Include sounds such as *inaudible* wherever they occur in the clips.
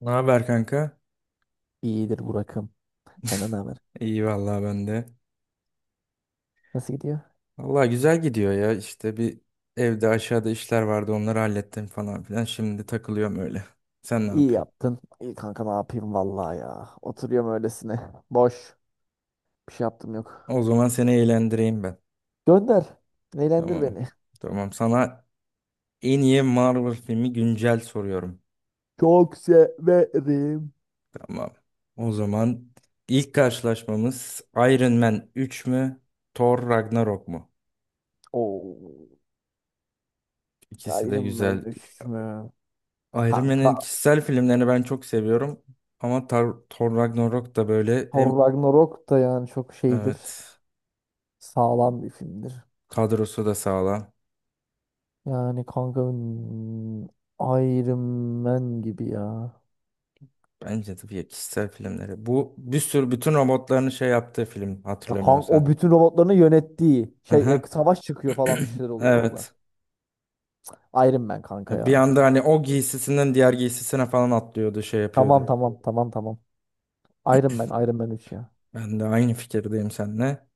Ne haber kanka? İyidir Burak'ım. Senden ne haber? İyi vallahi ben de. Nasıl gidiyor? Vallahi güzel gidiyor ya. İşte bir evde aşağıda işler vardı onları hallettim falan filan. Şimdi takılıyorum öyle. Sen ne İyi yapıyorsun? yaptın. İyi kanka ne yapayım vallahi ya. Oturuyorum öylesine. Boş. Bir şey yaptım yok. O zaman seni eğlendireyim ben. Gönder. Eğlendir Tamam. beni. Tamam. Sana en iyi Marvel filmi güncel soruyorum. Çok severim. Tamam. O zaman ilk karşılaşmamız Iron Man 3 mü? Thor Ragnarok mu? Oo. İkisi de Iron güzel. Man 3 mü? Iron Kanka Man'in kişisel filmlerini ben çok seviyorum. Ama Thor Ragnarok da böyle Thor hem. Ragnarok da yani çok şeydir. Evet. Sağlam bir filmdir. Kadrosu da sağlam. Yani kanka Iron Man gibi ya. Bence de bir kişisel filmleri. Bu bir sürü bütün robotların şey yaptığı film Ya kanka o hatırlamıyorsan. bütün robotlarını yönettiği şey Aha. savaş çıkıyor falan bir şeyler *clears throat* oluyor orada. Evet. Iron Man kanka Ya ya. bir anda hani o giysisinden diğer giysisine falan atlıyordu, şey Tamam yapıyordu. tamam tamam tamam. Iron Man Iron Man 3 ya. Ben de aynı fikirdeyim seninle.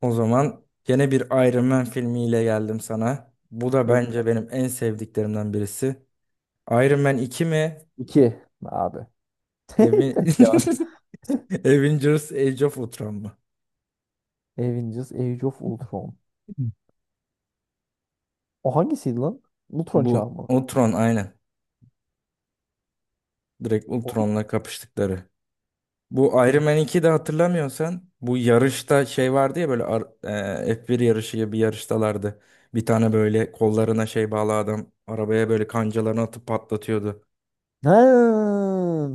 O zaman gene bir Iron Man filmiyle geldim sana. Bu da Böyle bence benim en sevdiklerimden birisi. Iron Man 2 mi? abi. *laughs* Aven- Evet ya. *laughs* Avengers Age of Ultron mu? Avengers Age of Ultron. O hangisiydi lan? Ultron çağı Bu mı? Ultron aynen. Direkt O- Ultron'la kapıştıkları. Bu Iron Ult- Man 2'de hatırlamıyorsan bu yarışta şey vardı ya böyle F1 yarışı gibi bir yarıştalardı. Bir tane böyle kollarına şey bağlı adam arabaya böyle kancalarını atıp patlatıyordu. Ha,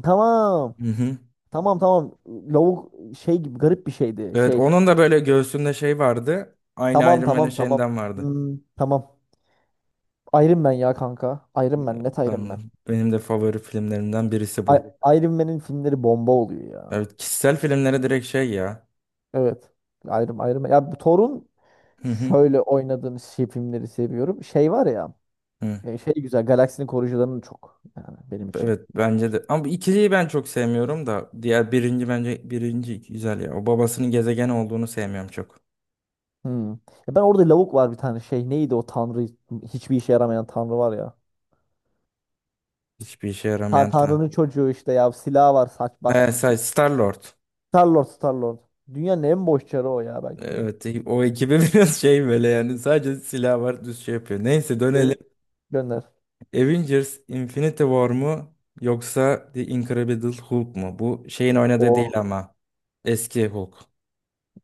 tamam. Hı hı. Tamam tamam. Lavuk şey gibi garip bir şeydi. Evet Şey. onun da böyle göğsünde şey vardı. Aynı Tamam Iron Man'in tamam tamam. şeyinden vardı. Hmm, tamam. Iron Man ya kanka. Iron Man net Iron Ben de, Man. benim de favori filmlerimden birisi bu. Iron Man'in filmleri bomba oluyor ya. Evet kişisel filmlere direkt şey ya. Evet. Ayrım ayrım. Ya bu Thor'un Hı hı. şöyle oynadığını şey filmleri seviyorum. Şey var ya. Hı. Şey güzel. Galaksinin koruyucularının çok. Yani benim için. Evet bence de. Ama bu ikiliyi ben çok sevmiyorum da. Diğer birinci bence birinci güzel ya. O babasının gezegen olduğunu sevmiyorum çok. Hmm. Ya ben orada lavuk var bir tane şey. Neydi o tanrı? Hiçbir işe yaramayan tanrı var ya. Hiçbir işe Ta yaramayan. tanrının çocuğu işte ya. Silah var. Saç baş. He say Star-Lord. Star-Lord Star-Lord. Dünyanın en boş çarı o ya belki de. Evet o ekibi *laughs* biraz şey böyle, yani sadece silah var düz şey yapıyor. Neyse dönelim. Evet. Gönder. Avengers Infinity War mu yoksa The Incredible Hulk mu? Bu şeyin oynadığı değil O ama eski Hulk.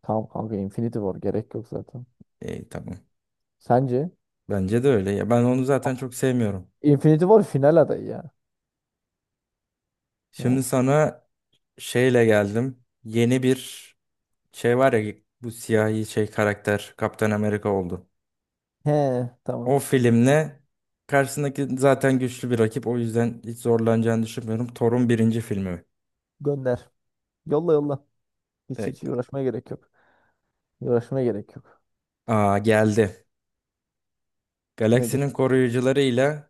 tamam kanka, Infinity War gerek yok zaten. İyi, tamam. Sence? Bence de öyle ya. Ben onu zaten çok sevmiyorum. Infinity War final adayı ya. Şimdi Ha. sana şeyle geldim. Yeni bir şey var ya, bu siyahi şey karakter Kaptan Amerika oldu. He, tamam. O filmle karşısındaki zaten güçlü bir rakip. O yüzden hiç zorlanacağını düşünmüyorum. Thor'un birinci filmi. Gönder. Yolla yolla. Hiç De- hiç uğraşmaya gerek yok. Uğraşmaya gerek yok. Aa, geldi. Nedir? Galaksinin koruyucuları ile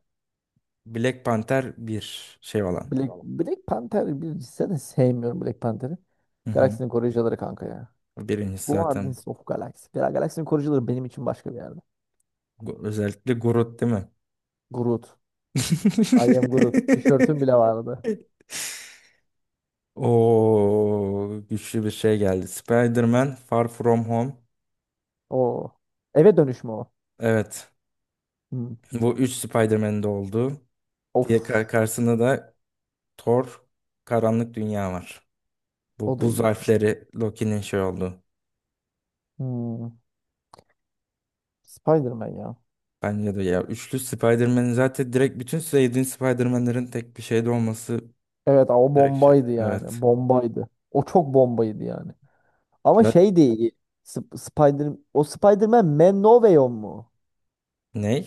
Black Panther bir şey olan. Tamam. Black Panther bir zaten, sevmiyorum Black Panther'ı. Hı hı. Galaksinin koruyucuları kanka ya. Birincisi zaten. Guardians of Galaxy. Galaksinin koruyucuları benim için başka bir yerde. Özellikle Groot değil mi? Groot. I am Groot. Tişörtüm *laughs* bile vardı. O güçlü bir şey geldi. Spider-Man Far From Home. O. Eve dönüşme o. Evet. Hmm. Bu 3 Spider-Man'de oldu. Of. Diye karşısında da Thor Karanlık Dünya var. O Bu da buz iyi. harfleri Loki'nin şey oldu. Hmm. Spider-Man ya. Bence de ya, üçlü Spider-Man'in zaten direkt bütün sevdiğin Spider-Man'lerin tek bir şeyde olması Evet, o direkt şey. bombaydı Evet. yani. Bombaydı. O çok bombaydı yani. Ama La- şey değil. Spider-Man Man No Way Home mu? ne?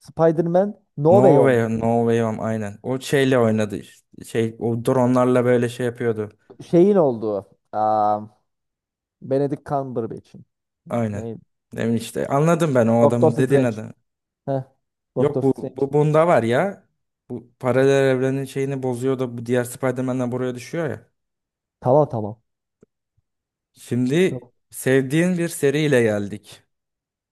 Spider-Man No Way No Home. Way, No Way Home aynen. O şeyle oynadı işte. Şey, o dronlarla böyle şey yapıyordu. Şeyin olduğu. Aa, Benedict Cumberbatch'in. Aynen. Neydi? Demin işte anladım ben o Doctor adamın, dediğin Strange. adam. Heh. Doctor Yok bu, Strange. bu bunda var ya. Bu paralel evrenin şeyini bozuyor da bu diğer Spider-Man'den buraya düşüyor ya. Tamam tamam. Şimdi Tamam. sevdiğin bir seriyle geldik.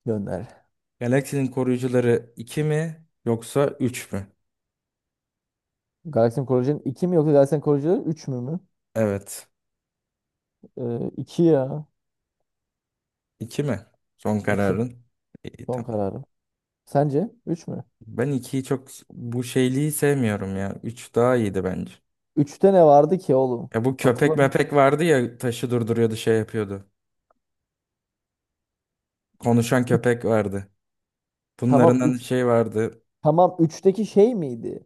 Gönder. Galaksinin Koruyucuları 2 mi yoksa 3 mü? Galaxy Koleji'nin iki mi yoksa Galaxy Koleji'nin 3 mü? Evet. 2 ya. 2 mi? Son 2. kararın. İyi, Son tamam. kararım. Sence üç mü? Ben ikiyi çok bu şeyliği sevmiyorum ya. 3 daha iyiydi bence. Üç'te ne vardı ki oğlum? Ya bu köpek Hatırlamıyorum. mepek vardı ya, taşı durduruyordu, şey yapıyordu. Konuşan köpek vardı. Bunların Tamam, hani 3. şey vardı. Tamam, üçteki şey miydi?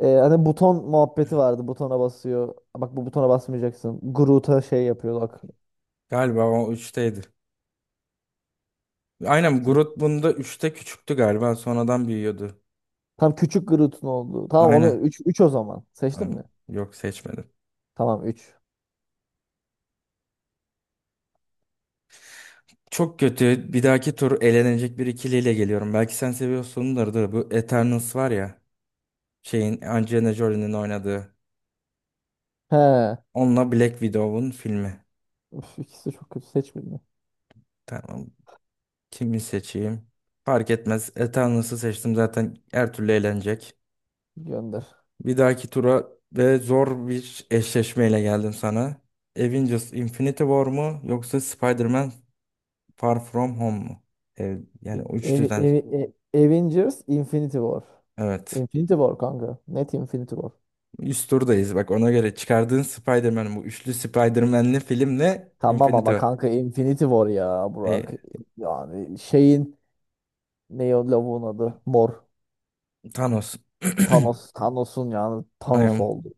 Hani buton muhabbeti vardı. Butona basıyor. Bak, bu butona basmayacaksın. Groot'a şey yapıyor, bak. Galiba o üçteydi. Aynen, Seç- Groot bunda 3'te küçüktü galiba, sonradan büyüyordu. Tam küçük Groot'un oldu. Tamam, onu Aynen. üç, 3 o zaman. Seçtin mi? Tamam. Yok, seçmedim. Tamam, üç. Çok kötü. Bir dahaki tur elenecek bir ikiliyle geliyorum. Belki sen seviyorsundur da, bu Eternals var ya. Şeyin, Angelina Jolie'nin oynadığı. He. Onunla Black Widow'un filmi. Üf, ikisi çok kötü, seçmedi. Tamam. Kimi seçeyim? Fark etmez. Eternals'ı seçtim, zaten her türlü eğlenecek. Gönder. Bir dahaki tura ve zor bir eşleşmeyle geldim sana. Avengers Infinity War mu yoksa Spider-Man Far From Home mu? Yani E- o Evi, üçlüden. evi, Avengers Infinity War. Evet. Infinity War kanka. Net Infinity War. Üst turdayız bak, ona göre çıkardığın Spider-Man bu üçlü Spider-Man'li filmle Tamam Infinity ama War. kanka Infinity War ya, Burak. Ee, Yani şeyin, ne o lavuğun adı? Mor. Thanos. *clears throat* Thanos. Thanos'un yani, Thanos I oldu.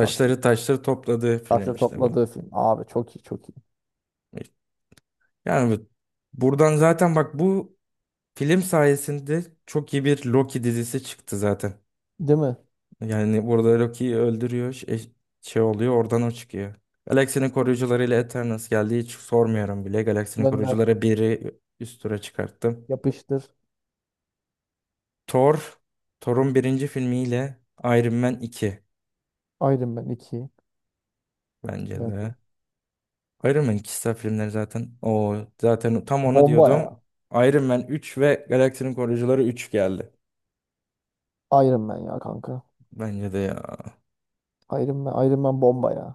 Çok iyi. taşları topladığı film Taşla işte bu. topladığı film. Abi çok iyi, çok iyi. Yani buradan zaten bak, bu film sayesinde çok iyi bir Loki dizisi çıktı zaten. Değil mi? Yani burada Loki'yi öldürüyor. Şey, şey oluyor oradan o çıkıyor. Galaksinin koruyucularıyla Eternals geldi. Hiç sormuyorum bile. Galaksinin Gönder. koruyucuları biri üst tura çıkarttım. Yapıştır. Thor. Thor'un birinci filmiyle Iron Man 2, Iron Man iki. bence de. Bence. Iron Man kişisel filmleri zaten. O zaten, tam onu Bomba diyordum. ya. Iron Man 3 ve Galaksinin Koruyucuları 3 geldi. Iron Man ya kanka. Bence de ya. Iron Man, Iron Man bomba ya.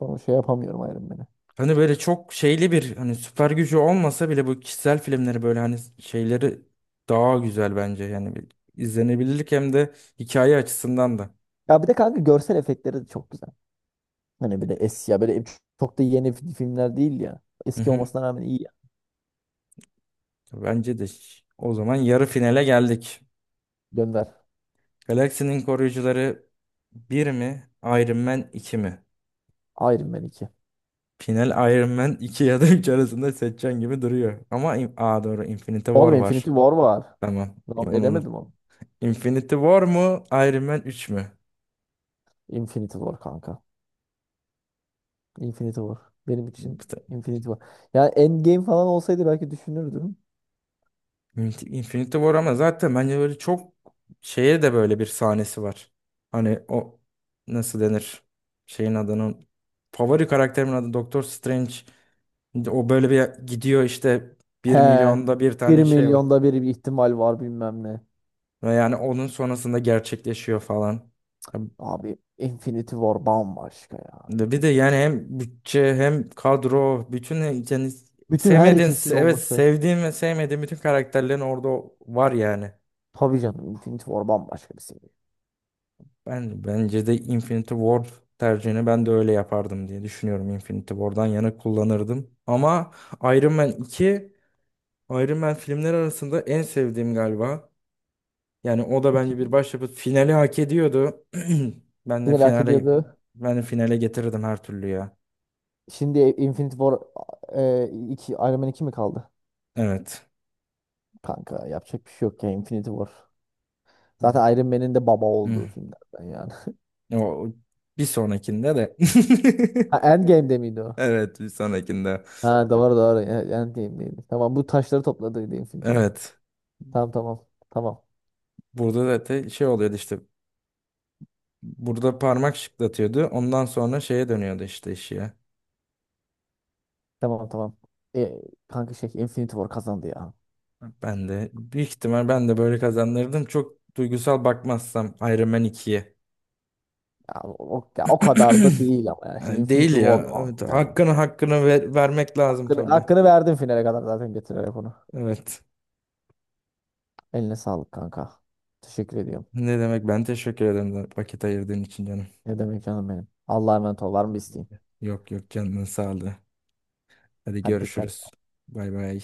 Bunu şey yapamıyorum, Iron Man'i. Hani böyle çok şeyli bir, hani süper gücü olmasa bile, bu kişisel filmleri böyle hani şeyleri daha güzel bence. Yani bir izlenebilirlik hem de hikaye açısından da. Ya bir de kanka görsel efektleri de çok güzel. Hani bir de eski ya böyle, çok da yeni filmler değil ya. Hı Eski hı. olmasına rağmen iyi ya. Bence de o zaman yarı finale geldik. Gönder. Galaksinin Koruyucuları bir mi? Iron Man 2 mi? Iron Man iki. Final Iron Man 2 ya da 3 arasında seçeceğin gibi duruyor. Ama Aa, doğru, Infinity War Oğlum, var. Infinity War var. Tamam. Ben Onu unut. elemedim onu. Infinity War mu? Iron Man 3 mü? Infinity War kanka. Infinity War. Benim için Infinity War. Yani Endgame falan olsaydı belki düşünürdüm. Infinity War ama zaten bence böyle çok şeye de böyle bir sahnesi var. Hani o, nasıl denir? Şeyin adının, favori karakterimin adı Doktor Strange. O böyle bir gidiyor işte, He. bir milyonda bir Bir tane şey var. milyonda bir ihtimal var bilmem ne. Ve yani onun sonrasında gerçekleşiyor falan. Ya Abi Infinity War bambaşka ya. bir de Infinity. yani hem bütçe hem kadro bütün, yani Bütün sevmediğin, herkesin evet, olması. sevdiğim ve sevmediğim bütün karakterlerin orada var yani. Tabii canım, Infinity War bambaşka bir seviye. Ben, bence de Infinity Ward tercihini ben de öyle yapardım diye düşünüyorum. Infinity War'dan yana kullanırdım. Ama Iron Man 2, Iron Man filmleri arasında en sevdiğim galiba. Yani o da bence İki, bir başyapıt. Finali hak ediyordu. *clears throat* Ben de final hak finale ediyordu. ben de finale getirirdim her türlü ya. Şimdi Infinity War, iki, Iron Man iki mi kaldı? Evet. Kanka yapacak bir şey yok ya, Infinity War. Zaten Iron Man'in de baba Hı. olduğu filmlerden yani. *laughs* O bir sonrakinde de. Ha, *laughs* Endgame'de miydi o? Evet, bir sonrakinde. Ha, doğru doğru. Endgame'deydi. Tamam, bu taşları topladıydı Infinity War. Evet. Tamam tamam. Tamam. Burada da şey oluyordu işte, burada parmak şıklatıyordu. Ondan sonra şeye dönüyordu işte, iş ya. Tamam tamam. E, kanka şey Infinity War kazandı ya. Ben de büyük ihtimal ben de böyle kazanırdım. Çok duygusal bakmazsam Iron Man 2'ye. Ya o, ya o kadar da *clears throat* değil ama ya. Şimdi Yani değil Infinity War ya. Evet, kanka. Ya. hakkını vermek lazım Hakkını, tabii. hakkını verdim finale kadar zaten, getirerek onu. Evet. Eline sağlık kanka. Teşekkür ediyorum. Ne demek, ben teşekkür ederim da vakit ayırdığın için canım. Ne demek canım benim. Allah'a emanet ol. Var mı bir isteğin? Yok yok, canının sağlığı. Hadi Hadi, dikkat. görüşürüz. Bay bay.